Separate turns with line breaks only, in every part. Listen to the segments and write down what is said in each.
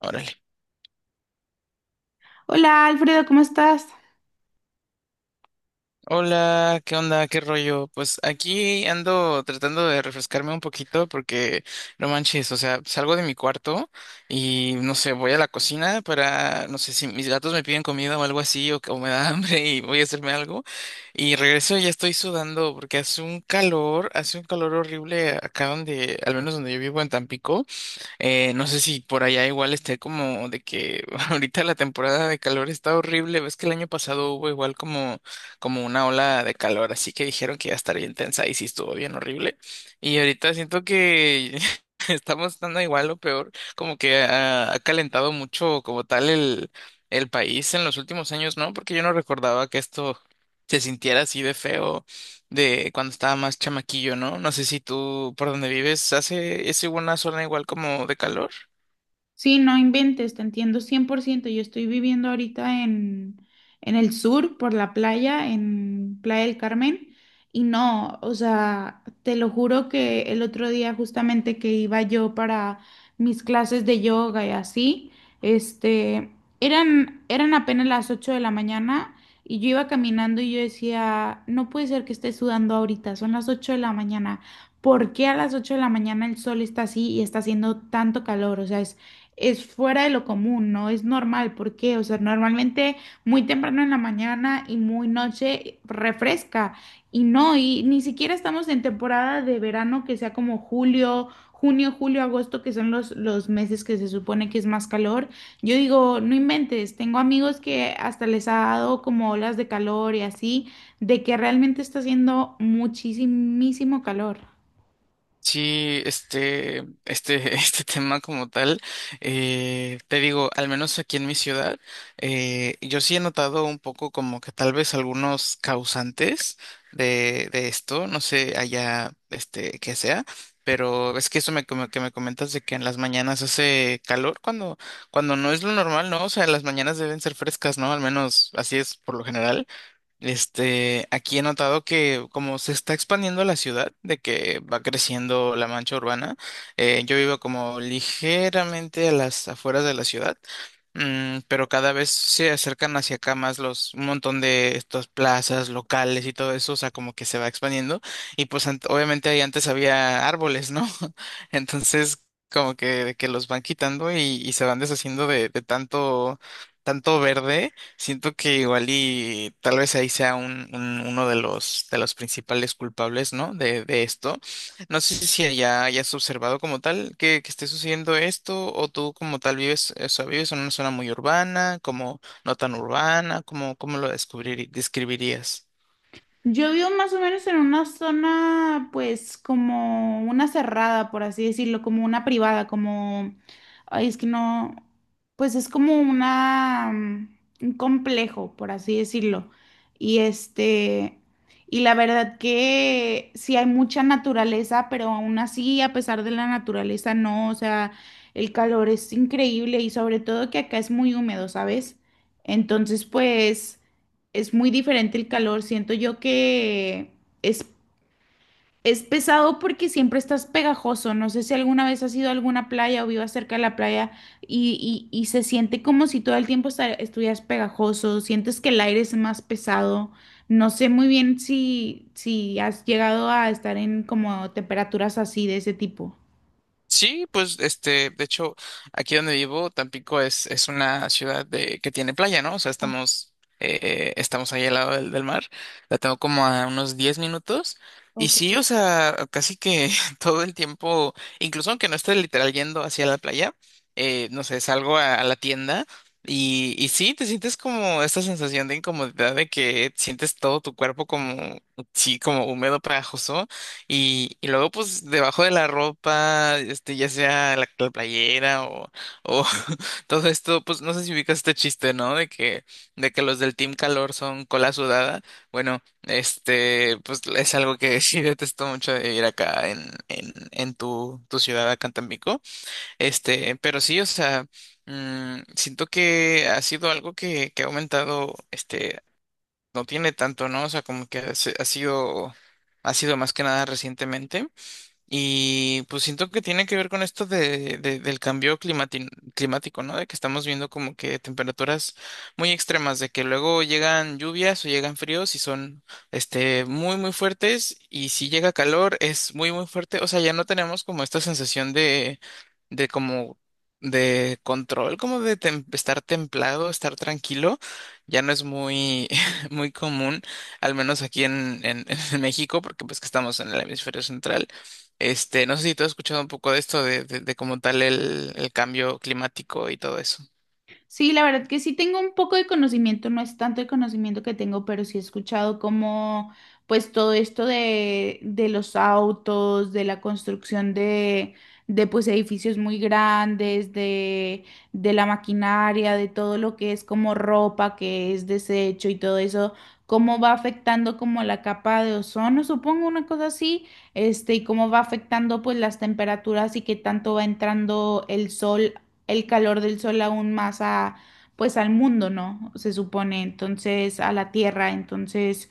Órale.
Hola Alfredo, ¿cómo estás?
Hola, ¿qué onda? ¿Qué rollo? Pues aquí ando tratando de refrescarme un poquito porque no manches, o sea, salgo de mi cuarto y no sé, voy a la cocina no sé, si mis gatos me piden comida o algo así o me da hambre y voy a hacerme algo y regreso y ya estoy sudando porque hace un hace un calor horrible al menos donde yo vivo en Tampico. No sé si por allá igual esté como de que ahorita la temporada de calor está horrible. Ves que el año pasado hubo igual como una ola de calor, así que dijeron que iba a estar bien tensa y sí estuvo bien horrible. Y ahorita siento que estamos estando igual o peor, como que ha calentado mucho como tal el país en los últimos años, ¿no? Porque yo no recordaba que esto se sintiera así de feo de cuando estaba más chamaquillo, ¿no? No sé si tú por donde vives hace, es igual una zona igual como de calor.
Sí, no inventes, te entiendo 100%. Yo estoy viviendo ahorita en el sur, por la playa, en Playa del Carmen, y no, o sea, te lo juro que el otro día justamente que iba yo para mis clases de yoga y así, este, eran, eran apenas las 8 de la mañana y yo iba caminando y yo decía, no puede ser que esté sudando ahorita, son las 8 de la mañana. ¿Por qué a las 8 de la mañana el sol está así y está haciendo tanto calor? O sea, es fuera de lo común, no es normal, ¿por qué? O sea, normalmente muy temprano en la mañana y muy noche refresca, y no, y ni siquiera estamos en temporada de verano que sea como julio, junio, julio, agosto, que son los meses que se supone que es más calor. Yo digo, no inventes, tengo amigos que hasta les ha dado como olas de calor y así, de que realmente está haciendo muchísimo calor.
Sí, este tema como tal, te digo, al menos aquí en mi ciudad, yo sí he notado un poco como que tal vez algunos causantes de esto, no sé allá, este, que sea, pero es que eso me, como que me comentas de que en las mañanas hace calor cuando no es lo normal, ¿no? O sea, las mañanas deben ser frescas, ¿no? Al menos así es por lo general. Este, aquí he notado que como se está expandiendo la ciudad, de que va creciendo la mancha urbana, yo vivo como ligeramente a las afueras de la ciudad, pero cada vez se acercan hacia acá más los, un montón de estas plazas locales y todo eso, o sea, como que se va expandiendo y pues obviamente ahí antes había árboles, ¿no? Entonces, como que los van quitando y se van deshaciendo de tanto tanto verde. Siento que igual y tal vez ahí sea un, uno de los principales culpables, ¿no? De esto. No sé si ya hayas observado como tal que esté sucediendo esto, o tú como tal vives, o sea, vives en una zona muy urbana, como no tan urbana, como, ¿cómo lo descubrir, ¿describirías?
Yo vivo más o menos en una zona, pues, como una cerrada, por así decirlo, como una privada, como, ay, es que no, pues es como una, un complejo, por así decirlo. Y este, y la verdad que sí hay mucha naturaleza, pero aún así, a pesar de la naturaleza, no, o sea, el calor es increíble y sobre todo que acá es muy húmedo, ¿sabes? Entonces, pues, es muy diferente el calor. Siento yo que es, es pesado porque siempre estás pegajoso. No sé si alguna vez has ido a alguna playa o vivas cerca de la playa y, y se siente como si todo el tiempo estuvieras pegajoso. Sientes que el aire es más pesado. No sé muy bien si, si has llegado a estar en como temperaturas así de ese tipo.
Sí, pues este, de hecho, aquí donde vivo, Tampico es una ciudad de, que tiene playa, ¿no? O sea, estamos, estamos ahí al lado del mar. La tengo como a unos 10 minutos. Y sí, o sea, casi que todo el tiempo, incluso aunque no esté literal yendo hacia la playa, no sé, salgo a la tienda y sí, te sientes como esta sensación de incomodidad de que sientes todo tu cuerpo como, sí, como húmedo, pegajoso. Y luego, pues, debajo de la ropa, este, ya sea la playera o todo esto, pues, no sé si ubicas este chiste, ¿no? De que los del Team Calor son cola sudada. Bueno, este, pues, es algo que sí detesto mucho de ir acá en tu ciudad, acá en Tampico. Este, pero sí, o sea, siento que ha sido algo que ha aumentado, este, no tiene tanto, ¿no? O sea, como que ha sido más que nada recientemente. Y pues siento que tiene que ver con esto del cambio climático, ¿no? De que estamos viendo como que temperaturas muy extremas, de que luego llegan lluvias o llegan fríos y son este muy fuertes y si llega calor es muy fuerte, o sea, ya no tenemos como esta sensación de como de control, como de estar templado, estar tranquilo, ya no es muy muy común, al menos aquí en en México, porque pues que estamos en el hemisferio central. Este, no sé si tú has escuchado un poco de esto, de como tal el cambio climático y todo eso.
Sí, la verdad que sí tengo un poco de conocimiento, no es tanto el conocimiento que tengo, pero sí he escuchado como pues todo esto de los autos, de la construcción de pues edificios muy grandes, de la maquinaria, de todo lo que es como ropa, que es desecho y todo eso, cómo va afectando como la capa de ozono, supongo una cosa así, y cómo va afectando pues las temperaturas y qué tanto va entrando el sol el calor del sol aún más a, pues al mundo, ¿no? Se supone, entonces, a la Tierra, entonces,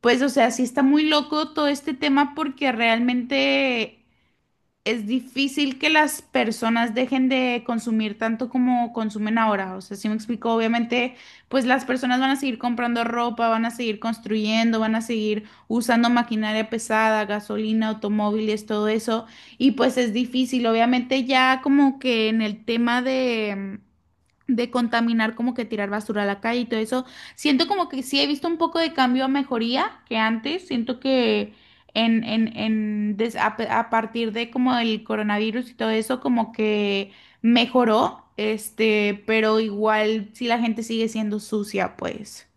pues, o sea, sí está muy loco todo este tema porque realmente es difícil que las personas dejen de consumir tanto como consumen ahora. O sea, si me explico, obviamente, pues las personas van a seguir comprando ropa, van a seguir construyendo, van a seguir usando maquinaria pesada, gasolina, automóviles, todo eso. Y pues es difícil, obviamente, ya como que en el tema de contaminar, como que tirar basura a la calle y todo eso. Siento como que sí he visto un poco de cambio a mejoría que antes. Siento que en, a partir de como el coronavirus y todo eso, como que mejoró, pero igual si la gente sigue siendo sucia, pues.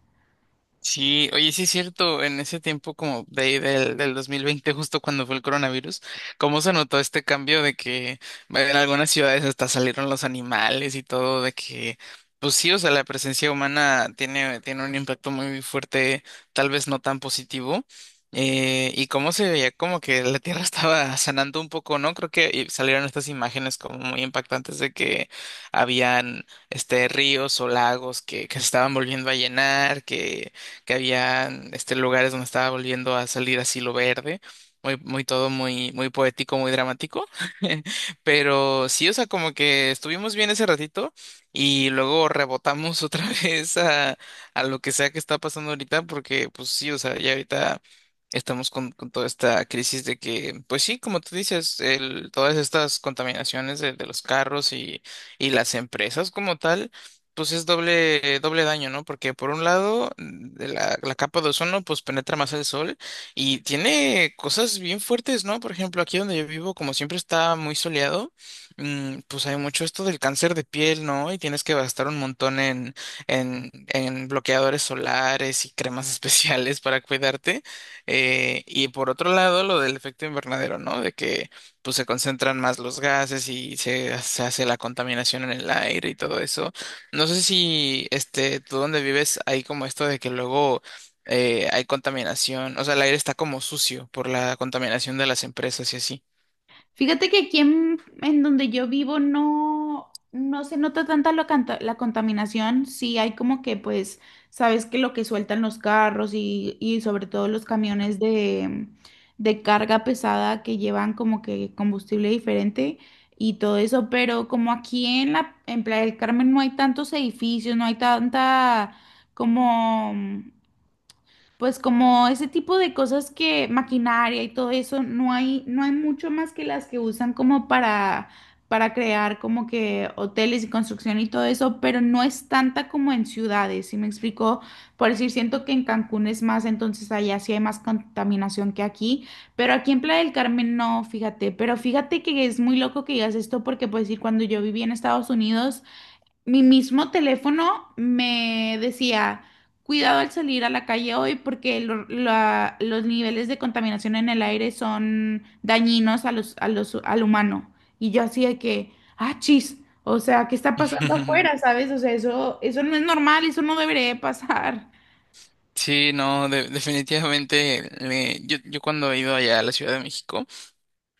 Sí, oye, sí es cierto, en ese tiempo como de ahí del 2020, justo cuando fue el coronavirus, ¿cómo se notó este cambio de que bueno, en algunas ciudades hasta salieron los animales y todo, de que, pues sí, o sea, la presencia humana tiene un impacto muy fuerte, tal vez no tan positivo, y cómo se veía como que la tierra estaba sanando un poco, ¿no? Creo que salieron estas imágenes como muy impactantes de que habían, este, ríos o lagos que se estaban volviendo a llenar, que había este, lugares donde estaba volviendo a salir así lo verde, muy todo muy poético, muy dramático. Pero sí, o sea, como que estuvimos bien ese ratito y luego rebotamos otra vez a lo que sea que está pasando ahorita, porque pues sí, o sea, ya ahorita estamos con toda esta crisis de que, pues sí, como tú dices, el, todas estas contaminaciones de los carros y las empresas como tal. Pues es doble, doble daño, ¿no? Porque por un lado, mm, de la capa de ozono, pues penetra más el sol y tiene cosas bien fuertes, ¿no? Por ejemplo, aquí donde yo vivo, como siempre está muy soleado, mm, pues hay mucho esto del cáncer de piel, ¿no? Y tienes que gastar un montón en bloqueadores solares y cremas especiales para cuidarte. Y por otro lado, lo del efecto invernadero, ¿no? De que pues se concentran más los gases y se hace la contaminación en el aire y todo eso. No sé si este, tú donde vives hay como esto de que luego hay contaminación, o sea, el aire está como sucio por la contaminación de las empresas y así.
Fíjate que aquí en donde yo vivo no, no se nota tanta la contaminación. Sí hay como que, pues, sabes que lo que sueltan los carros y sobre todo los camiones de carga pesada que llevan como que combustible diferente y todo eso, pero como aquí en en Playa del Carmen no hay tantos edificios, no hay tanta como pues como ese tipo de cosas que maquinaria y todo eso, no hay, no hay mucho más que las que usan como para crear como que hoteles y construcción y todo eso, pero no es tanta como en ciudades, ¿sí me explico? Por decir, siento que en Cancún es más, entonces allá sí hay más contaminación que aquí, pero aquí en Playa del Carmen no, fíjate, pero fíjate que es muy loco que digas esto porque pues decir, cuando yo viví en Estados Unidos, mi mismo teléfono me decía, cuidado al salir a la calle hoy porque los niveles de contaminación en el aire son dañinos a los, al humano. Y yo hacía que, ah, chis, o sea, ¿qué está pasando afuera, sabes? O sea, eso no es normal, eso no debería de pasar.
Sí, no, definitivamente yo cuando he ido allá a la Ciudad de México.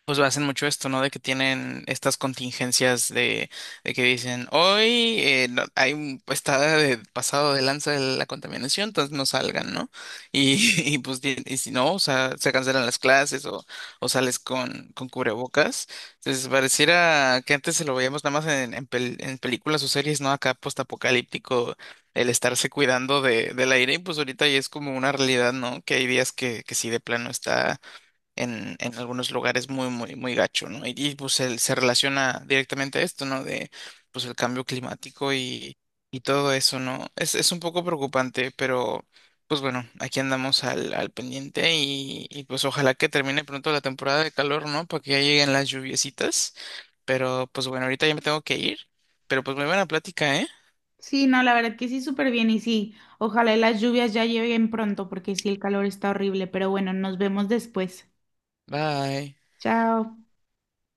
Pues hacen mucho esto, ¿no? De que tienen estas contingencias de que dicen, hoy hay un, está pasado de lanza de la contaminación, entonces no salgan, ¿no? Y, y pues y si no, o sea, se cancelan las clases o sales con cubrebocas. Entonces pareciera que antes se lo veíamos nada más en películas o series, ¿no? Acá postapocalíptico, el estarse cuidando de, del aire, y pues ahorita ya es como una realidad, ¿no? Que hay días que sí de plano está en algunos lugares muy gacho, ¿no? Pues se relaciona directamente a esto, ¿no? De pues el cambio climático y todo eso, ¿no? Es un poco preocupante, pero pues bueno, aquí andamos al pendiente y pues ojalá que termine pronto la temporada de calor, ¿no? Para que ya lleguen las lluviecitas, pero pues bueno, ahorita ya me tengo que ir, pero pues muy buena plática, ¿eh?
Sí, no, la verdad que sí, súper bien y sí, ojalá y las lluvias ya lleguen pronto porque sí, el calor está horrible, pero bueno, nos vemos después.
Bye.
Chao.